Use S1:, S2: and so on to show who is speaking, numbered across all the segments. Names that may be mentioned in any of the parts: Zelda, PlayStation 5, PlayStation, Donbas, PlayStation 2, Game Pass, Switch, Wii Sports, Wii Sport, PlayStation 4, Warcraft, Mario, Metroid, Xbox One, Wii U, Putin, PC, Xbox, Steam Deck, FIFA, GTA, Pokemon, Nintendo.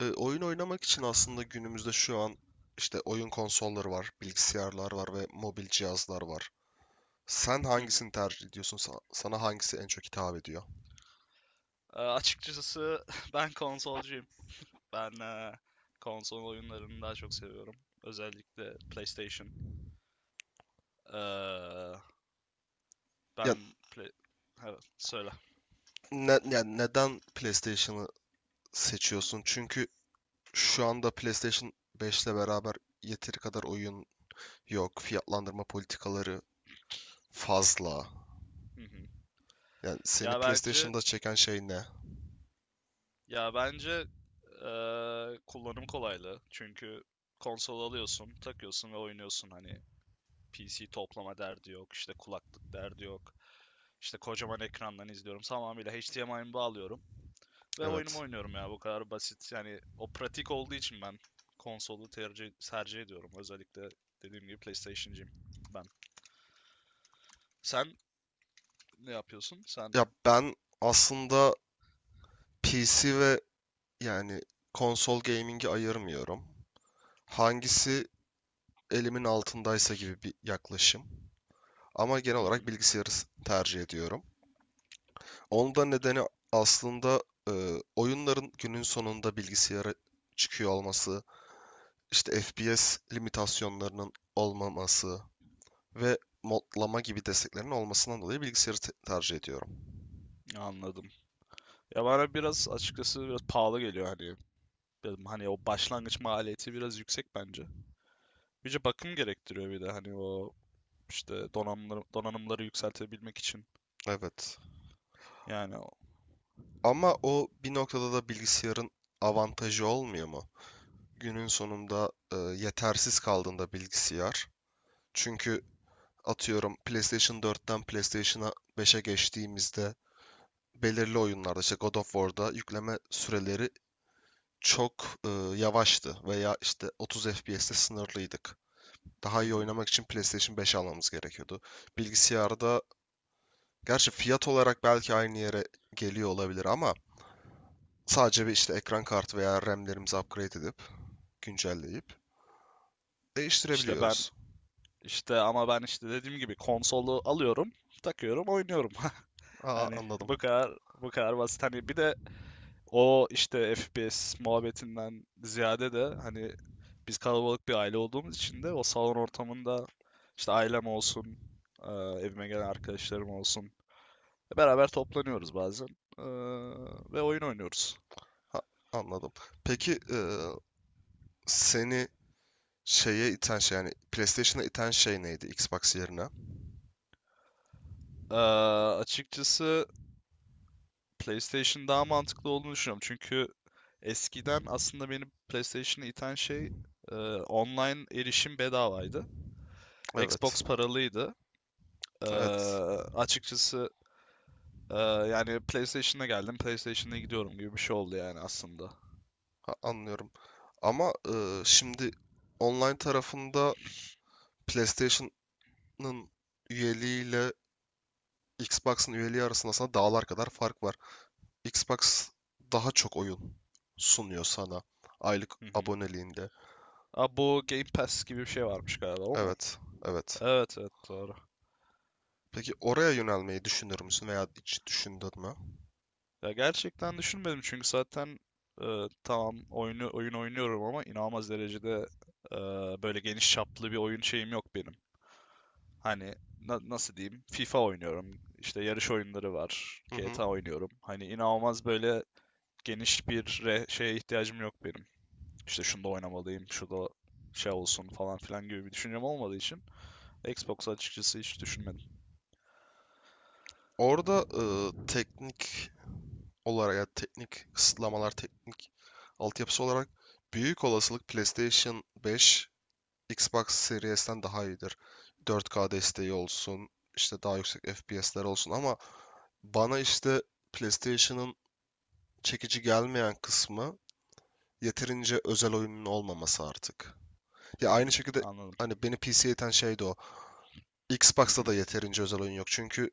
S1: Oyun oynamak için aslında günümüzde şu an işte oyun konsolları var, bilgisayarlar var ve mobil cihazlar var. Sen
S2: Hı hı.
S1: hangisini tercih ediyorsun? Sana hangisi en çok hitap ediyor?
S2: Açıkçası ben konsolcuyum. Ben konsol oyunlarını daha çok seviyorum. Özellikle PlayStation. Eee,
S1: Ya,
S2: ben play... Evet, söyle.
S1: ne, ya neden PlayStation'ı seçiyorsun? Çünkü şu anda PlayStation 5 ile beraber yeteri kadar oyun yok. Fiyatlandırma politikaları fazla.
S2: Hı hı.
S1: Yani seni
S2: Ya bence
S1: PlayStation'da çeken şey ne?
S2: Ya bence, kullanım kolaylığı. Çünkü konsol alıyorsun, takıyorsun ve oynuyorsun. Hani PC toplama derdi yok, işte kulaklık derdi yok. İşte kocaman ekrandan izliyorum. Tamamıyla HDMI'mi bağlıyorum ve oyunumu
S1: Evet.
S2: oynuyorum ya. Bu kadar basit. Yani o pratik olduğu için ben konsolu tercih ediyorum. Özellikle dediğim gibi PlayStation'cıyım ben. Sen ne yapıyorsun?
S1: Ya ben aslında PC ve yani konsol gaming'i ayırmıyorum. Hangisi elimin altındaysa gibi bir yaklaşım. Ama genel
S2: Hı
S1: olarak
S2: hı,
S1: bilgisayarı tercih ediyorum. Onun da nedeni aslında e, oyunların günün sonunda bilgisayara çıkıyor olması, işte FPS limitasyonlarının olmaması ve modlama gibi desteklerin olmasından dolayı bilgisayarı tercih ediyorum.
S2: anladım. Ya bana biraz açıkçası biraz pahalı geliyor hani. Dedim hani o başlangıç maliyeti biraz yüksek bence. Birce bakım gerektiriyor, bir de hani o işte donanımları yükseltebilmek için.
S1: Evet.
S2: Yani o.
S1: Ama o bir noktada da bilgisayarın avantajı olmuyor mu? Günün sonunda yetersiz kaldığında bilgisayar. Çünkü atıyorum PlayStation 4'ten PlayStation 5'e geçtiğimizde belirli oyunlarda işte God of War'da yükleme süreleri çok yavaştı veya işte 30 FPS'te sınırlıydık. Daha
S2: Hı
S1: iyi
S2: hı.
S1: oynamak için PlayStation 5 almamız gerekiyordu. Bilgisayarda gerçi fiyat olarak belki aynı yere geliyor olabilir ama sadece bir işte ekran kartı veya RAM'lerimizi upgrade edip güncelleyip
S2: İşte ben
S1: değiştirebiliyoruz.
S2: işte ama ben işte dediğim gibi konsolu alıyorum, takıyorum, oynuyorum.
S1: Aa,
S2: Hani bu
S1: anladım.
S2: kadar bu kadar basit. Hani bir de o işte FPS muhabbetinden ziyade de hani biz kalabalık bir aile olduğumuz için de o salon ortamında işte ailem olsun, eee, evime gelen arkadaşlarım olsun. Beraber toplanıyoruz bazen. Ee, Ve oyun oynuyoruz.
S1: Ha, anladım. Peki seni şeye iten şey yani PlayStation'a iten şey neydi Xbox yerine?
S2: Ee, Açıkçası PlayStation daha mantıklı olduğunu düşünüyorum. Çünkü eskiden aslında beni PlayStation'a iten şey online erişim bedavaydı.
S1: Evet.
S2: Xbox paralıydı. Ee,
S1: Evet.
S2: Açıkçası yani PlayStation'a geldim, PlayStation'a gidiyorum gibi bir şey oldu yani aslında.
S1: Anlıyorum. Ama şimdi online tarafında PlayStation'ın üyeliğiyle Xbox'ın üyeliği arasında sana dağlar kadar fark var. Xbox daha çok oyun sunuyor sana aylık
S2: Hı hı.
S1: aboneliğinde.
S2: Aa, bu Game Pass gibi bir şey varmış galiba, o mu?
S1: Evet. Evet.
S2: Evet, evet, doğru.
S1: Peki oraya yönelmeyi düşünür müsün veya hiç düşündün mü?
S2: Ya gerçekten düşünmedim çünkü zaten tamam, oyun oynuyorum ama inanılmaz derecede e, böyle geniş çaplı bir oyun şeyim yok benim. Hani nasıl diyeyim? FIFA oynuyorum. İşte yarış oyunları var.
S1: Hı hı.
S2: GTA oynuyorum. Hani inanılmaz böyle geniş bir şeye ihtiyacım yok benim. İşte şunu da oynamalıyım, şu da şey olsun falan filan gibi bir düşüncem olmadığı için Xbox açıkçası hiç düşünmedim.
S1: Orada teknik olarak ya teknik kısıtlamalar, teknik altyapısı olarak büyük olasılık PlayStation 5, Xbox Series'ten daha iyidir. 4K desteği olsun, işte daha yüksek FPS'ler olsun ama bana işte PlayStation'ın çekici gelmeyen kısmı yeterince özel oyunun olmaması artık. Ya aynı
S2: Hmm,
S1: şekilde
S2: anladım.
S1: hani beni PC'ye iten şey de o.
S2: Hı
S1: Xbox'ta da
S2: hı,
S1: yeterince özel oyun yok. Çünkü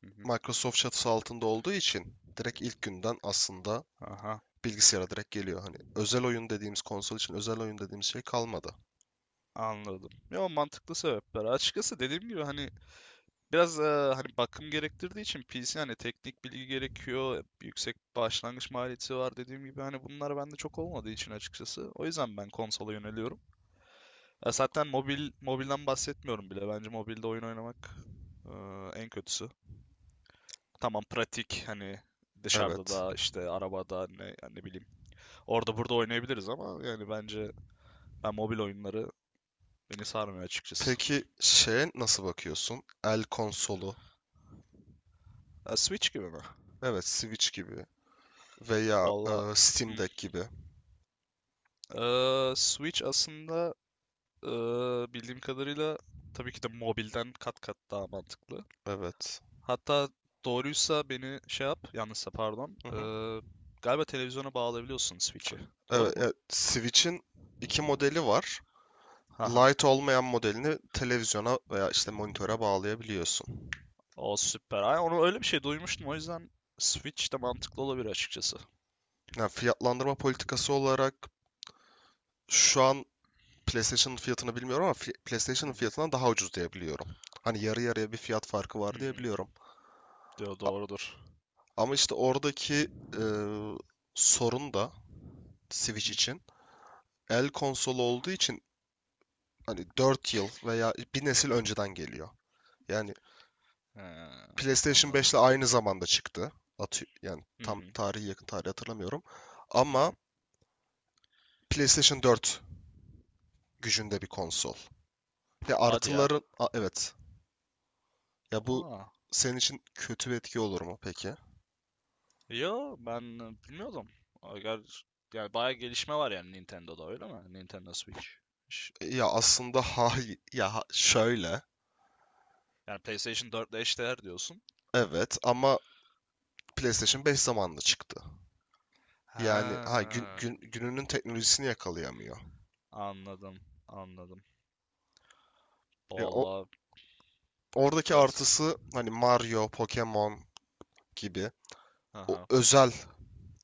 S2: hı hı.
S1: Microsoft çatısı altında olduğu için direkt ilk günden aslında
S2: Aha,
S1: bilgisayara direkt geliyor. Hani özel oyun dediğimiz konsol için özel oyun dediğimiz şey kalmadı.
S2: anladım. Ya, mantıklı sebepler. Açıkçası dediğim gibi hani biraz hani bakım gerektirdiği için PC hani teknik bilgi gerekiyor, yüksek başlangıç maliyeti var, dediğim gibi hani bunlar bende çok olmadığı için açıkçası. O yüzden ben konsola yöneliyorum. Zaten mobilden bahsetmiyorum bile. Bence mobilde oyun oynamak e, en kötüsü. Tamam, pratik, hani dışarıda
S1: Evet.
S2: da işte arabada ne, yani ne bileyim, orada burada oynayabiliriz ama yani bence ben mobil oyunları, beni sarmıyor açıkçası.
S1: Peki şeye nasıl bakıyorsun? El konsolu.
S2: Switch gibi mi?
S1: Evet, Switch gibi veya
S2: Valla,
S1: Steam
S2: hmm.
S1: Deck gibi.
S2: Switch aslında Ee, bildiğim kadarıyla tabii ki de mobilden kat kat daha mantıklı.
S1: Evet.
S2: Hatta doğruysa beni şey yap, yanlışsa pardon.
S1: Hı hı.
S2: Galiba televizyona bağlayabiliyorsun Switch'i. Doğru
S1: Evet,
S2: mu?
S1: Switch'in iki modeli var.
S2: Haha.
S1: Lite olmayan modelini televizyona veya işte monitöre bağlayabiliyorsun.
S2: O süper. Ay, onu öyle bir şey duymuştum. O yüzden Switch de mantıklı olabilir açıkçası.
S1: Yani fiyatlandırma politikası olarak şu an PlayStation'ın fiyatını bilmiyorum ama
S2: Hı
S1: PlayStation'ın
S2: hı.
S1: fiyatından daha ucuz diyebiliyorum. Hani yarı yarıya bir fiyat farkı
S2: Hı
S1: var
S2: hı.
S1: diyebiliyorum.
S2: Diyor
S1: A-
S2: doğrudur.
S1: Ama işte oradaki e, sorun da
S2: Hı
S1: Switch
S2: hı.
S1: için el konsolu olduğu için hani 4 yıl veya bir nesil önceden geliyor. Yani
S2: He,
S1: PlayStation 5
S2: anladım.
S1: ile aynı zamanda çıktı. Yani
S2: Hı
S1: tam
S2: hı.
S1: tarihi yakın tarih hatırlamıyorum.
S2: Hı
S1: Ama
S2: hı.
S1: PlayStation 4 gücünde bir konsol.
S2: Hadi ya.
S1: Evet. Ya bu
S2: Aa.
S1: senin için kötü bir etki olur mu peki?
S2: Yo, ben bilmiyordum. Agar yani bayağı gelişme var yani Nintendo'da öyle mi? Nintendo Switch. Ş-
S1: Ya aslında hayır ya şöyle.
S2: Yani PlayStation 4 ile eşdeğer diyorsun.
S1: Evet ama PlayStation 5 zamanında çıktı. Yani
S2: Ha,
S1: gününün teknolojisini yakalayamıyor.
S2: anladım, anladım.
S1: Ya o
S2: Vallahi,
S1: oradaki
S2: evet.
S1: artısı hani Mario, Pokemon gibi o
S2: Aha,
S1: özel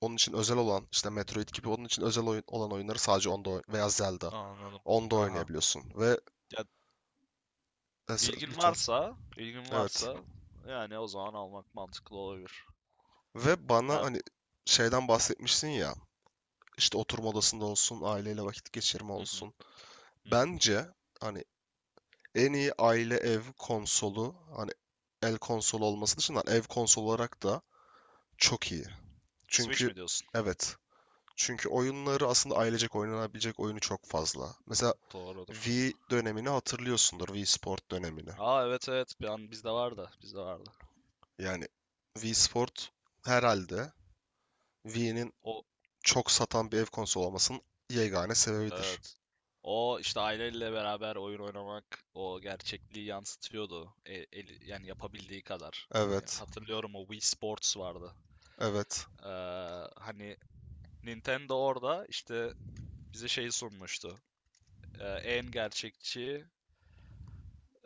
S1: onun için özel olan işte Metroid gibi onun için özel oyun olan oyunları sadece onda veya Zelda
S2: anladım.
S1: onda
S2: Aha.
S1: oynayabiliyorsun ve
S2: Ya, ilgin
S1: lütfen
S2: varsa ilgin
S1: evet
S2: varsa yani o zaman almak mantıklı olabilir.
S1: ve bana
S2: Ya,
S1: hani şeyden bahsetmişsin ya işte oturma odasında olsun aileyle vakit geçirme
S2: hı hı,
S1: olsun
S2: hı hı.
S1: bence hani en iyi aile ev konsolu hani el konsolu olması dışında ev konsolu olarak da çok iyi.
S2: Switch
S1: Çünkü
S2: mi diyorsun?
S1: evet. Çünkü oyunları aslında ailecek oynanabilecek oyunu çok fazla. Mesela
S2: Doğrudur.
S1: Wii dönemini hatırlıyorsundur. Wii Sport dönemini.
S2: Aa, evet, evet. Bir an bizde vardı. Bizde vardı.
S1: Yani Wii Sport herhalde Wii'nin
S2: O
S1: çok satan bir ev konsolu olmasının yegane sebebidir.
S2: Evet. O işte aileyle beraber oyun oynamak o gerçekliği yansıtıyordu. Yani yapabildiği kadar. Hani
S1: Evet.
S2: hatırlıyorum, o Wii Sports vardı.
S1: Evet.
S2: Ee, Hani Nintendo orada işte bize şeyi sunmuştu. En gerçekçi,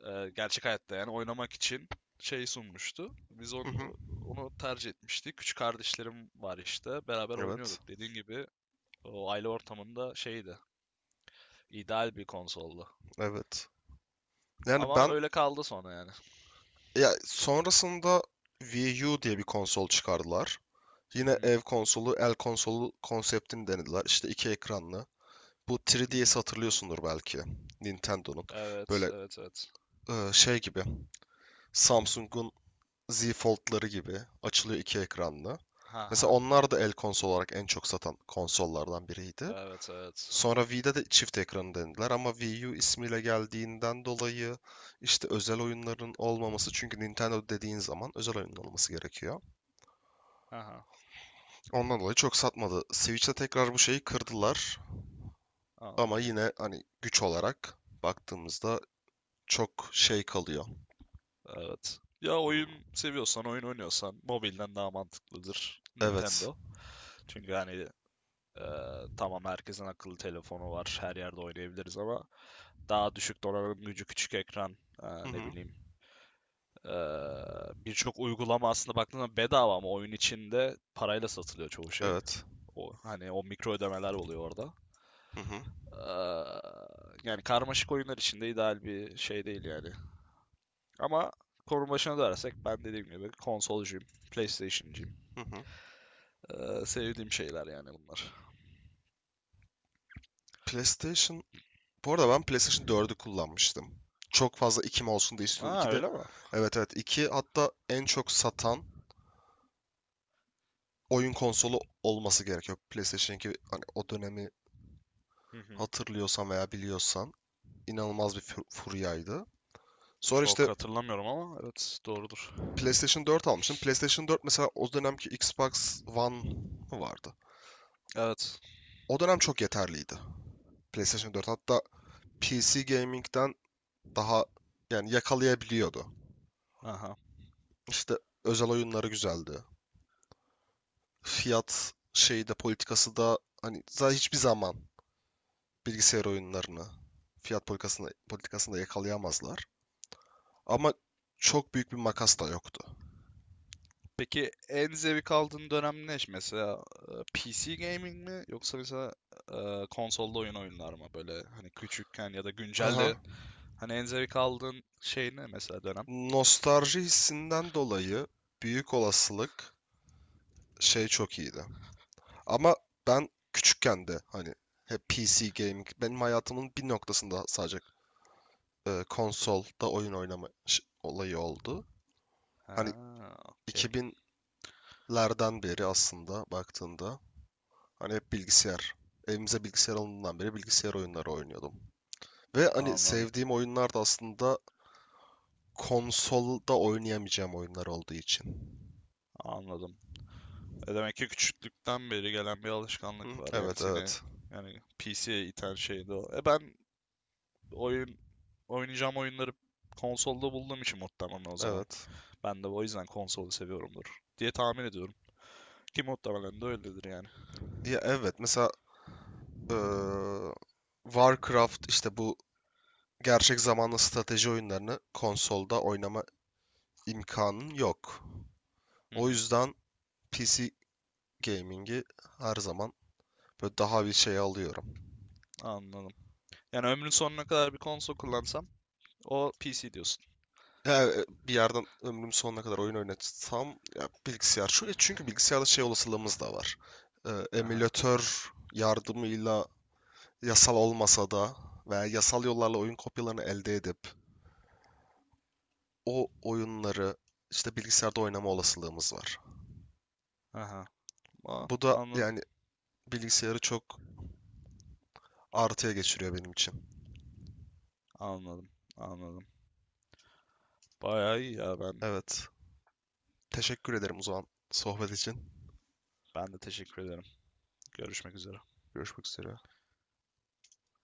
S2: gerçek hayatta yani oynamak için şey sunmuştu. Biz
S1: Hı hı.
S2: onu tercih etmiştik. Küçük kardeşlerim var işte. Beraber
S1: Evet.
S2: oynuyorduk. Dediğin gibi o aile ortamında şeydi. İdeal bir konsoldu.
S1: Evet. Yani
S2: Ama
S1: ben
S2: öyle kaldı sonra yani.
S1: ya sonrasında Wii U diye bir konsol çıkardılar.
S2: Hı
S1: Yine
S2: hı,
S1: ev konsolu, el konsolu konseptini denediler. İşte iki ekranlı. Bu
S2: hı
S1: 3DS'i
S2: hı.
S1: hatırlıyorsundur belki. Nintendo'nun.
S2: Evet,
S1: Böyle
S2: evet, evet.
S1: şey gibi. Samsung'un Z Fold'ları gibi açılıyor, iki ekranlı.
S2: Ha
S1: Mesela
S2: ha.
S1: onlar da el konsol olarak en çok satan konsollardan biriydi.
S2: Evet, evet.
S1: Sonra Wii'de de çift ekranı denediler ama Wii U ismiyle geldiğinden dolayı işte özel oyunların olmaması, çünkü Nintendo dediğin zaman özel oyunun olması gerekiyor.
S2: Ha ha.
S1: Ondan dolayı çok satmadı. Switch'te tekrar bu şeyi kırdılar ama
S2: Anladım.
S1: yine hani güç olarak baktığımızda çok şey kalıyor.
S2: Evet. Ya,
S1: Hmm.
S2: oyun seviyorsan, oyun oynuyorsan mobilden daha mantıklıdır
S1: Evet.
S2: Nintendo. Çünkü hani e, tamam, herkesin akıllı telefonu var, her yerde oynayabiliriz ama daha düşük donanım gücü, küçük ekran,
S1: Hı
S2: ne
S1: hı.
S2: bileyim, e, birçok uygulama aslında baktığında bedava ama oyun içinde parayla satılıyor çoğu şey.
S1: Evet.
S2: O, hani o mikro ödemeler oluyor orada.
S1: Hı hı.
S2: Aa, yani karmaşık oyunlar için de ideal bir şey değil yani. Ama konu başına dönersek ben dediğim gibi konsolcuyum, PlayStation'cıyım.
S1: Hı hı.
S2: Sevdiğim şeyler yani bunlar.
S1: PlayStation... Bu arada ben PlayStation 4'ü kullanmıştım. Çok fazla 2 mi olsun diye istiyordum.
S2: Ha,
S1: 2 de...
S2: öyle mi?
S1: Evet, evet. 2. Hatta en çok satan oyun konsolu olması gerekiyor. PlayStation 2 hani o dönemi
S2: Hı hı.
S1: hatırlıyorsan veya biliyorsan inanılmaz bir furyaydı. Sonra işte
S2: Çok hatırlamıyorum ama evet, doğrudur.
S1: PlayStation 4 almıştım. PlayStation 4 mesela o dönemki Xbox One mı vardı?
S2: Evet.
S1: O dönem çok yeterliydi. PlayStation 4 hatta PC gaming'den daha yani yakalayabiliyordu.
S2: Aha.
S1: İşte özel oyunları güzeldi. Fiyat şeyi de politikası da hani zaten hiçbir zaman bilgisayar oyunlarını fiyat politikasında yakalayamazlar. Ama çok büyük bir makas da yoktu.
S2: Peki en zevk aldığın dönem ne? Mesela PC gaming mi yoksa mesela konsolda oyunlar mı? Böyle hani küçükken ya da
S1: Aha.
S2: güncelde hani en zevk aldığın şey ne mesela, dönem?
S1: Nostalji hissinden dolayı büyük olasılık şey çok iyiydi. Ama ben küçükken de hani hep PC gaming benim hayatımın bir noktasında sadece konsolda oyun oynama olayı oldu.
S2: Ha,
S1: Hani
S2: okey.
S1: 2000'lerden beri aslında baktığında hani hep bilgisayar. Evimize bilgisayar alındığından beri bilgisayar oyunları oynuyordum. Ve hani
S2: Anladım.
S1: sevdiğim oyunlar da aslında konsolda oynayamayacağım oyunlar olduğu için.
S2: Anladım. Demek ki küçüklükten beri gelen bir
S1: Hı,
S2: alışkanlık var. Yani
S1: evet,
S2: seni
S1: evet.
S2: yani PC'ye iten şeydi o. Ben oyun oynayacağım oyunları konsolda bulduğum için muhtemelen, o zaman.
S1: Evet.
S2: Ben de o yüzden konsolu seviyorumdur diye tahmin ediyorum. Ki muhtemelen de öyledir yani.
S1: Ya evet mesela eee, Warcraft işte bu gerçek zamanlı strateji oyunlarını konsolda oynama imkanın yok.
S2: Hı
S1: O
S2: hı,
S1: yüzden PC gaming'i her zaman böyle daha bir şey alıyorum.
S2: anladım. Yani ömrün sonuna kadar bir konsol kullansam o PC diyorsun.
S1: Ya, bir yerden ömrüm sonuna kadar oyun oynatsam ya bilgisayar. Çünkü bilgisayarda şey olasılığımız da var.
S2: Aha,
S1: Emülatör yardımıyla yasal olmasa da veya yasal yollarla oyun kopyalarını elde edip o oyunları işte bilgisayarda oynama olasılığımız var.
S2: aha. Aa,
S1: Bu da
S2: anladım,
S1: yani bilgisayarı çok artıya geçiriyor benim için.
S2: anladım, anladım. Bayağı iyi ya ben.
S1: Evet. Teşekkür ederim o zaman sohbet için.
S2: Ben de teşekkür ederim. Görüşmek üzere.
S1: Görüşmek üzere.